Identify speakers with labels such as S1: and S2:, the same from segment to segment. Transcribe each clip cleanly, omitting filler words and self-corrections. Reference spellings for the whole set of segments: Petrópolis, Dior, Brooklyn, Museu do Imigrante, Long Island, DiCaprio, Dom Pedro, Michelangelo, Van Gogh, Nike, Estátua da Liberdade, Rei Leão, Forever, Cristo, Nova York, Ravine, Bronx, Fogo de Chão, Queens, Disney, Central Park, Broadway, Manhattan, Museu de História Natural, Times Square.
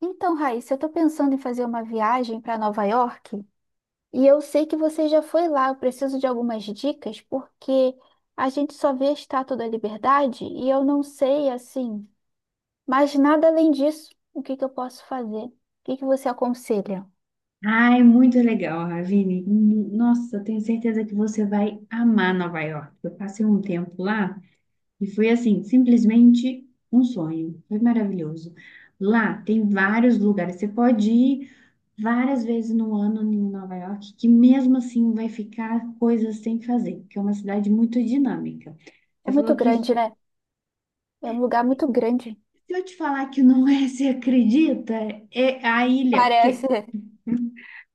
S1: Então, Raíssa, eu tô pensando em fazer uma viagem para Nova York e eu sei que você já foi lá. Eu preciso de algumas dicas porque a gente só vê a Estátua da Liberdade e eu não sei assim, mas nada além disso. O que que eu posso fazer? O que que você aconselha?
S2: Ai, muito legal, Ravine. Nossa, eu tenho certeza que você vai amar Nova York. Eu passei um tempo lá e foi assim, simplesmente um sonho. Foi maravilhoso. Lá tem vários lugares. Você pode ir várias vezes no ano em Nova York, que mesmo assim vai ficar coisas sem fazer, porque é uma cidade muito dinâmica.
S1: É
S2: Você
S1: muito
S2: falou que
S1: grande,
S2: isso-
S1: né? É um lugar muito grande.
S2: Se eu te falar que não é, você acredita? É a ilha, porque
S1: Parece.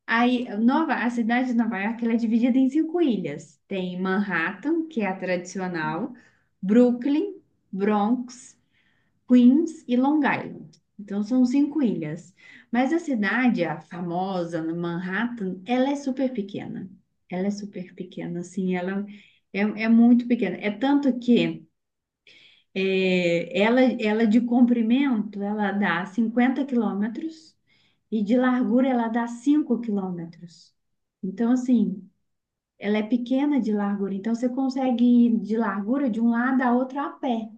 S2: Aí, a cidade de Nova York, ela é dividida em cinco ilhas. Tem Manhattan, que é a tradicional, Brooklyn, Bronx, Queens e Long Island. Então, são cinco ilhas. Mas a cidade, a famosa no Manhattan, ela é super pequena. Ela é super pequena, assim, ela é muito pequena. É tanto que ela de comprimento, ela dá 50 quilômetros e de largura ela dá 5 quilômetros. Então, assim, ela é pequena de largura. Então, você consegue ir de largura de um lado a outro a pé.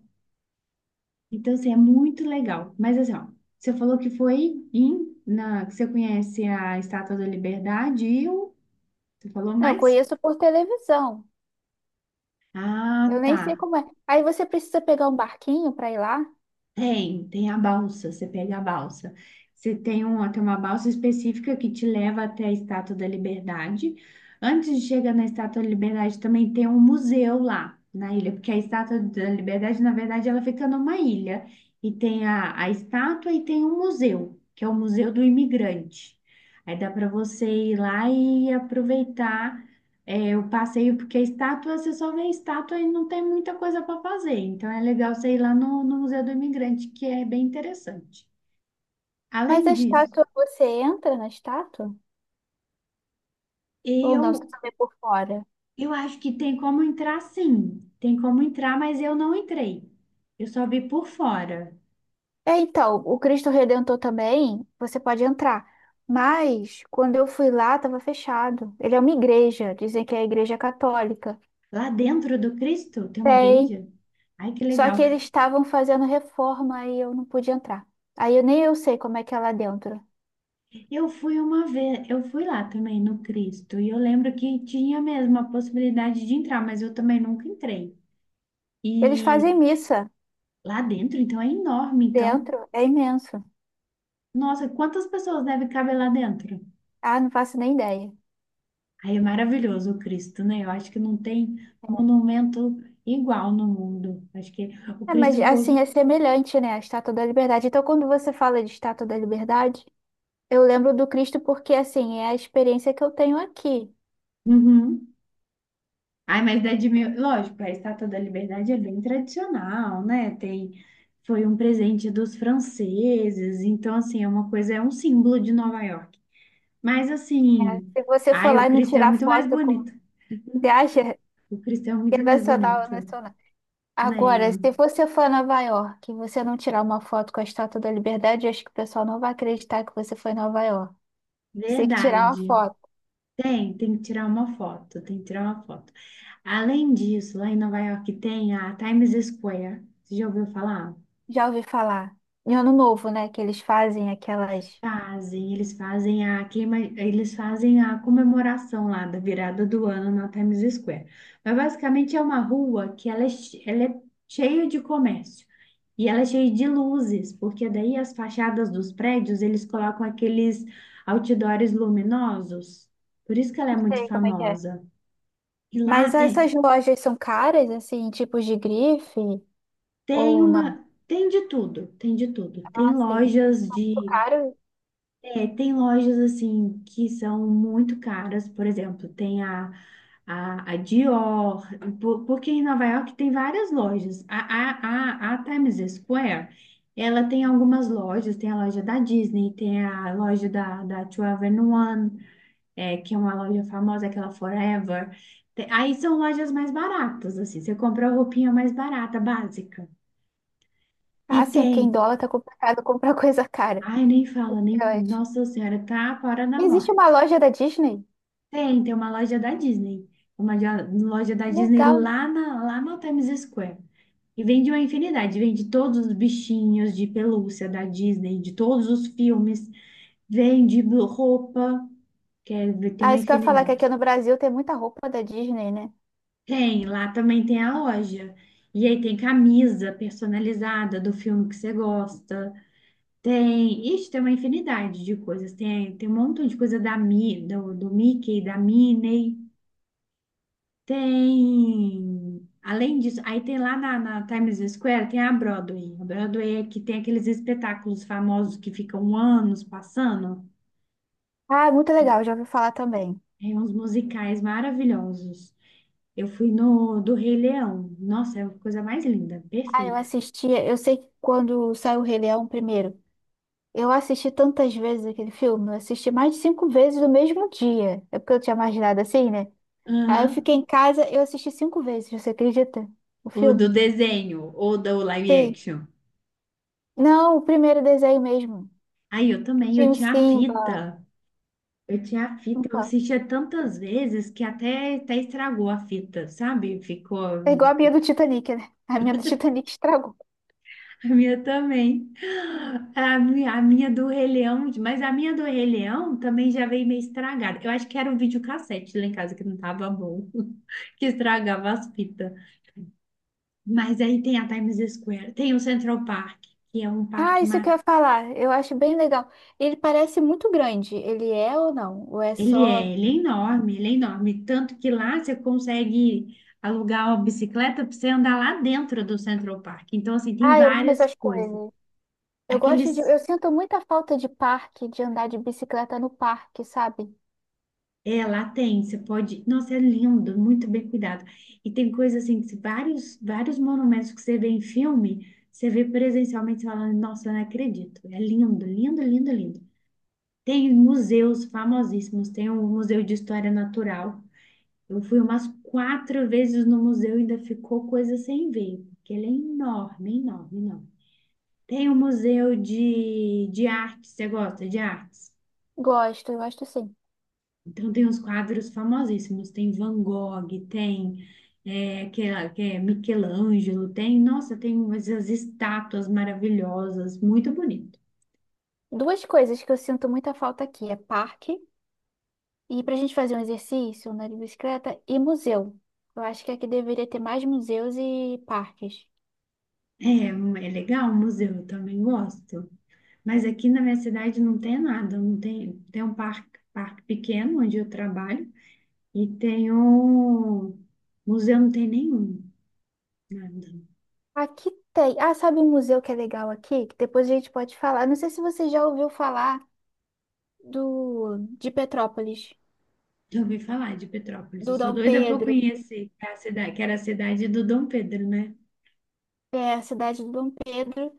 S2: Então, assim, é muito legal. Mas, assim, ó, você falou que que você conhece a Estátua da Liberdade e você falou
S1: Eu
S2: mais?
S1: conheço por televisão.
S2: Ah,
S1: Eu nem
S2: tá.
S1: sei como é. Aí você precisa pegar um barquinho para ir lá,
S2: Tem a balsa, você pega a balsa. Você tem uma balsa específica que te leva até a Estátua da Liberdade. Antes de chegar na Estátua da Liberdade, também tem um museu lá na ilha, porque a Estátua da Liberdade, na verdade, ela fica numa ilha. E tem a estátua e tem um museu, que é o Museu do Imigrante. Aí dá para você ir lá e aproveitar o passeio, porque estátua, você só vê estátua e não tem muita coisa para fazer. Então é legal você ir lá no Museu do Imigrante, que é bem interessante.
S1: mas
S2: Além
S1: a
S2: disso,
S1: estátua, você entra na estátua ou não? Você
S2: eu,
S1: só vê por fora?
S2: eu acho que tem como entrar sim. Tem como entrar, mas eu não entrei. Eu só vi por fora.
S1: É, então, o Cristo Redentor também, você pode entrar. Mas quando eu fui lá, estava fechado. Ele é uma igreja, dizem que é a igreja católica.
S2: Lá dentro do Cristo tem uma
S1: Tem.
S2: igreja? Ai, que
S1: Só
S2: legal.
S1: que eles estavam fazendo reforma e eu não pude entrar. Aí eu, nem eu sei como é que é lá dentro.
S2: Eu fui uma vez, eu fui lá também no Cristo, e eu lembro que tinha mesmo a possibilidade de entrar, mas eu também nunca entrei.
S1: Eles
S2: E
S1: fazem missa
S2: lá dentro, então, é enorme. Então,
S1: dentro, é imenso.
S2: nossa, quantas pessoas deve caber lá dentro?
S1: Ah, não faço nem ideia.
S2: Aí é maravilhoso o Cristo, né? Eu acho que não tem monumento igual no mundo. Acho que o
S1: É, mas
S2: Cristo foi.
S1: assim, é semelhante, né? A Estátua da Liberdade. Então, quando você fala de Estátua da Liberdade, eu lembro do Cristo porque, assim, é a experiência que eu tenho aqui.
S2: Uhum. Ai, mas é de mil... Lógico, a Estátua da Liberdade é bem tradicional, né? Tem. Foi um presente dos franceses. Então, assim, é uma coisa, é um símbolo de Nova York. Mas, assim,
S1: Se você for
S2: ai,
S1: lá
S2: o
S1: e me
S2: Cristo é
S1: tirar
S2: muito mais
S1: foto com.
S2: bonito.
S1: Você acha
S2: O Cristo é
S1: que
S2: muito
S1: é
S2: mais
S1: nacional ou
S2: bonito.
S1: nacional? Agora, se
S2: É,
S1: você for a Nova York e você não tirar uma foto com a Estátua da Liberdade, eu acho que o pessoal não vai acreditar que você foi em Nova York. Você tem que tirar uma
S2: verdade.
S1: foto.
S2: Tem que tirar uma foto, tem que tirar uma foto. Além disso, lá em Nova York tem a Times Square. Você já ouviu falar?
S1: Já ouvi falar. Em Ano Novo, né? Que eles fazem aquelas.
S2: Fazem, eles fazem a queima, eles fazem a comemoração lá da virada do ano na Times Square. Mas basicamente é uma rua que ela é cheia de comércio e ela é cheia de luzes, porque daí as fachadas dos prédios eles colocam aqueles outdoors luminosos. Por isso que ela é
S1: Não
S2: muito
S1: sei como é que é.
S2: famosa. E lá
S1: Mas essas
S2: tem.
S1: lojas são caras, assim, tipos de grife?
S2: Tem
S1: Ou não?
S2: uma, tem de tudo, tem de tudo. Tem
S1: Ah, sim.
S2: lojas
S1: Ficou caro?
S2: tem lojas assim que são muito caras, por exemplo, tem a Dior, porque em Nova York tem várias lojas. A Times Square, ela tem algumas lojas, tem a loja da Disney, tem a loja da 2 one que é uma loja famosa, aquela Forever. Aí são lojas mais baratas, assim, você compra a roupinha mais barata, básica.
S1: Ah,
S2: E
S1: sim,
S2: tem.
S1: porque em dólar tá complicado comprar coisa cara.
S2: Ai, nem fala, nem.
S1: Eu acho.
S2: Nossa Senhora, tá para na
S1: Existe uma
S2: morte.
S1: loja da Disney?
S2: Tem uma loja da Disney. Uma de- loja da Disney
S1: Legal.
S2: lá, lá no Times Square. E vende uma infinidade. Vende todos os bichinhos de pelúcia da Disney, de todos os filmes. Vende roupa. Quer ver, tem
S1: Ah,
S2: uma
S1: isso que eu ia falar, que aqui
S2: infinidade.
S1: no Brasil tem muita roupa da Disney, né?
S2: Tem, lá também tem a loja. E aí tem camisa personalizada do filme que você gosta. Tem, ixi, tem uma infinidade de coisas. Tem um montão de coisa do Mickey, da Minnie. Além disso, aí tem lá na Times Square, tem a Broadway. A Broadway é que tem aqueles espetáculos famosos que ficam anos passando.
S1: Ah, muito legal, já ouvi falar também.
S2: Tem uns musicais maravilhosos. Eu fui no do Rei Leão. Nossa, é a coisa mais linda.
S1: Ah, eu
S2: Perfeito.
S1: assistia, eu sei que quando saiu o Rei Leão primeiro, eu assisti tantas vezes aquele filme, eu assisti mais de cinco vezes no mesmo dia. É porque eu tinha imaginado assim, né? Aí eu
S2: Aham.
S1: fiquei em casa, eu assisti cinco vezes, você acredita? O
S2: O do
S1: filme?
S2: desenho, ou do live
S1: Sim.
S2: action?
S1: Não, o primeiro desenho mesmo.
S2: Aí eu
S1: Que
S2: também, eu
S1: tinha o
S2: tinha a
S1: Simba.
S2: fita. Eu tinha a fita, eu
S1: Então,
S2: assistia tantas vezes que até estragou a fita, sabe? Ficou a
S1: é igual a minha do Titanic, né? A minha do Titanic estragou.
S2: minha também. A minha do Rei Leão, mas a minha do Rei Leão também já veio meio estragada. Eu acho que era um videocassete lá em casa que não tava bom, que estragava as fitas. Mas aí tem a Times Square, tem o Central Park, que é um
S1: Ah,
S2: parque.
S1: isso que eu ia falar. Eu acho bem legal. Ele parece muito grande. Ele é ou não? Ou é
S2: Ele
S1: só.
S2: é, ele é enorme, ele é enorme. Tanto que lá você consegue alugar uma bicicleta para você andar lá dentro do Central Park. Então, assim, tem
S1: Ah, eu amo
S2: várias
S1: essas
S2: coisas.
S1: coisas. Eu gosto de.
S2: Aqueles.
S1: Eu sinto muita falta de parque, de andar de bicicleta no parque, sabe?
S2: É, lá tem, você pode. Nossa, é lindo, muito bem cuidado. E tem coisas assim, que vários, vários monumentos que você vê em filme, você vê presencialmente, você fala, nossa, eu não acredito. É lindo, lindo, lindo, lindo. Tem museus famosíssimos, tem o Museu de História Natural. Eu fui umas quatro vezes no museu e ainda ficou coisa sem ver, porque ele é enorme, enorme, enorme. Tem o museu de arte, você gosta de artes?
S1: Gosto, eu gosto sim.
S2: Então tem uns quadros famosíssimos, tem Van Gogh, tem que é Michelangelo, tem, nossa, tem essas estátuas maravilhosas, muito bonito.
S1: Duas coisas que eu sinto muita falta aqui é parque e pra gente fazer um exercício, andar de bicicleta e museu. Eu acho que aqui deveria ter mais museus e parques.
S2: É legal o museu, eu também gosto. Mas aqui na minha cidade não tem nada, não tem, tem um parque, parque pequeno onde eu trabalho, e tem um museu, não tem nenhum, nada.
S1: Aqui tem. Ah, sabe um museu que é legal aqui? Que depois a gente pode falar. Não sei se você já ouviu falar. Do de Petrópolis,
S2: Já ouvi falar de Petrópolis. Eu
S1: do
S2: sou
S1: Dom
S2: doida para
S1: Pedro,
S2: conhecer que é a cidade, que era a cidade do Dom Pedro, né?
S1: é a cidade do Dom Pedro.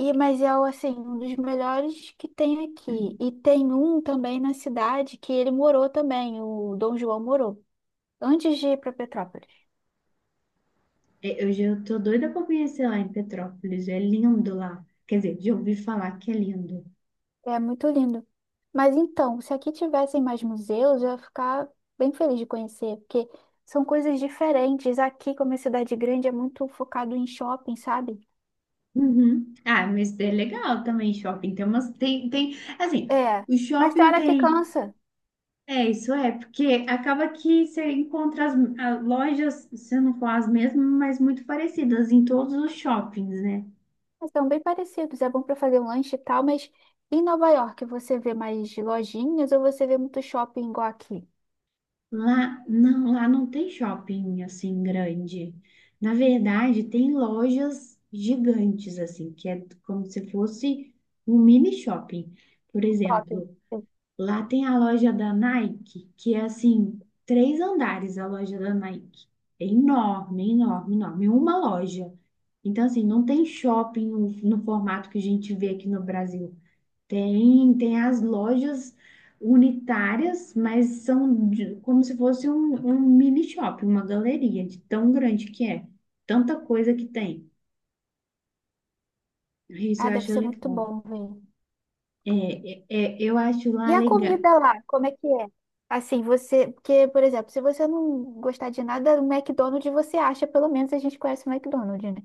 S1: E mas é o, assim, um dos melhores que tem aqui. E tem um também na cidade que ele morou também, o Dom João morou, antes de ir para Petrópolis.
S2: É, hoje eu tô doida para conhecer lá em Petrópolis. É lindo lá. Quer dizer, já ouvi falar que é lindo.
S1: É muito lindo. Mas então, se aqui tivessem mais museus, eu ia ficar bem feliz de conhecer, porque são coisas diferentes. Aqui, como é cidade grande, é muito focado em shopping, sabe?
S2: Uhum. Ah, mas é legal também shopping. Tem umas, tem, tem, assim,
S1: É,
S2: o
S1: mas tem
S2: shopping
S1: hora que
S2: tem.
S1: cansa.
S2: É, isso é, porque acaba que você encontra as lojas, se não for as mesmas, mas muito parecidas em todos os shoppings, né?
S1: Mas são bem parecidos, é bom para fazer um lanche e tal, mas em Nova York você vê mais lojinhas ou você vê muito shopping igual aqui?
S2: Lá não tem shopping assim grande. Na verdade, tem lojas gigantes assim, que é como se fosse um mini shopping. Por
S1: Shopping.
S2: exemplo,
S1: Sim.
S2: lá tem a loja da Nike, que é assim, três andares a loja da Nike. É enorme, enorme, enorme. Uma loja. Então, assim, não tem shopping no formato que a gente vê aqui no Brasil. Tem, tem as lojas unitárias, mas são como se fosse um mini shopping, uma galeria de tão grande que é. Tanta coisa que tem. Isso
S1: Ah,
S2: eu
S1: deve
S2: acho
S1: ser muito
S2: legal.
S1: bom, vem.
S2: É, eu acho
S1: E
S2: lá
S1: a
S2: legal.
S1: comida lá, como é que é? Assim, você, porque, por exemplo, se você não gostar de nada, o McDonald's você acha, pelo menos a gente conhece o McDonald's, né?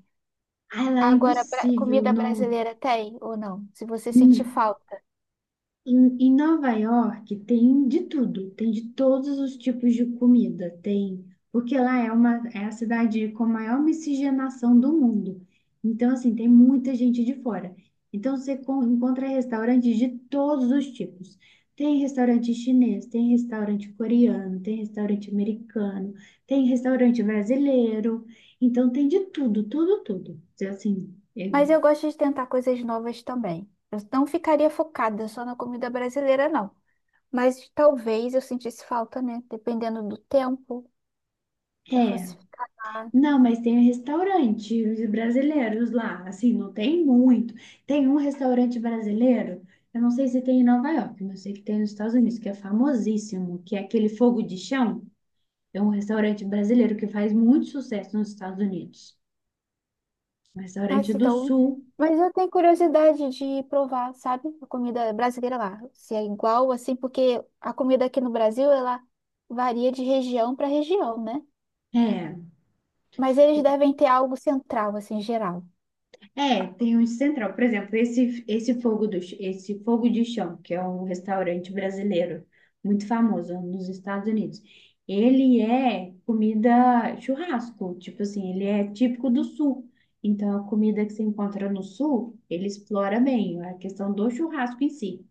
S2: Ah, lá é
S1: Agora, bra-
S2: impossível,
S1: comida
S2: não.
S1: brasileira tem ou não? Se você sentir falta.
S2: Em Nova York tem de tudo, tem de todos os tipos de comida, tem, porque lá é uma é a cidade com a maior miscigenação do mundo. Então, assim, tem muita gente de fora. Então, você encontra restaurantes de todos os tipos. Tem restaurante chinês, tem restaurante coreano, tem restaurante americano, tem restaurante brasileiro. Então, tem de tudo, tudo, tudo. Então, assim, é,
S1: Mas eu gosto de tentar coisas novas também. Eu não ficaria focada só na comida brasileira, não. Mas talvez eu sentisse falta, né? Dependendo do tempo que eu
S2: é.
S1: fosse ficar lá.
S2: Não, mas tem restaurantes brasileiros lá, assim, não tem muito. Tem um restaurante brasileiro, eu não sei se tem em Nova York, mas eu sei que tem nos Estados Unidos, que é famosíssimo, que é aquele Fogo de Chão. É um restaurante brasileiro que faz muito sucesso nos Estados Unidos. Um restaurante
S1: Nossa,
S2: do
S1: então.
S2: Sul,
S1: Mas eu tenho curiosidade de provar, sabe? A comida brasileira lá. Se é igual, assim, porque a comida aqui no Brasil, ela varia de região para região, né?
S2: é.
S1: Mas eles devem ter algo central, assim, geral.
S2: É, tem um central. Por exemplo, esse fogo de chão, que é um restaurante brasileiro muito famoso nos Estados Unidos. Ele é comida churrasco, tipo assim, ele é típico do sul. Então, a comida que se encontra no sul, ele explora bem a questão do churrasco em si.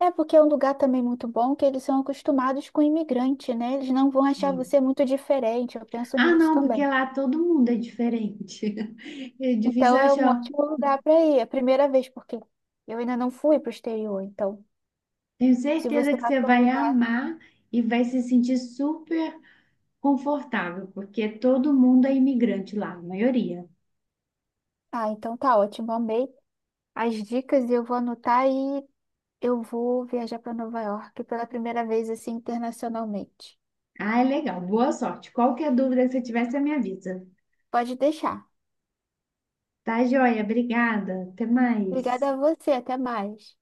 S1: É porque é um lugar também muito bom que eles são acostumados com imigrante, né? Eles não vão achar
S2: É.
S1: você muito diferente. Eu penso
S2: Ah,
S1: nisso
S2: não, porque
S1: também.
S2: lá todo mundo é diferente. É difícil
S1: Então é um
S2: achar.
S1: ótimo lugar para ir. É a primeira vez, porque eu ainda não fui para o exterior. Então,
S2: Tenho
S1: se
S2: certeza
S1: você
S2: que
S1: vai
S2: você
S1: para um
S2: vai
S1: lugar.
S2: amar e vai se sentir super confortável, porque todo mundo é imigrante lá, a maioria.
S1: Ah, então tá ótimo. Amei as dicas eu vou anotar e eu vou viajar para Nova York pela primeira vez, assim, internacionalmente.
S2: Ah, é legal. Boa sorte. Qualquer dúvida que você tiver, você me avisa.
S1: Pode deixar.
S2: Tá, joia? Obrigada. Até mais.
S1: Obrigada a você. Até mais.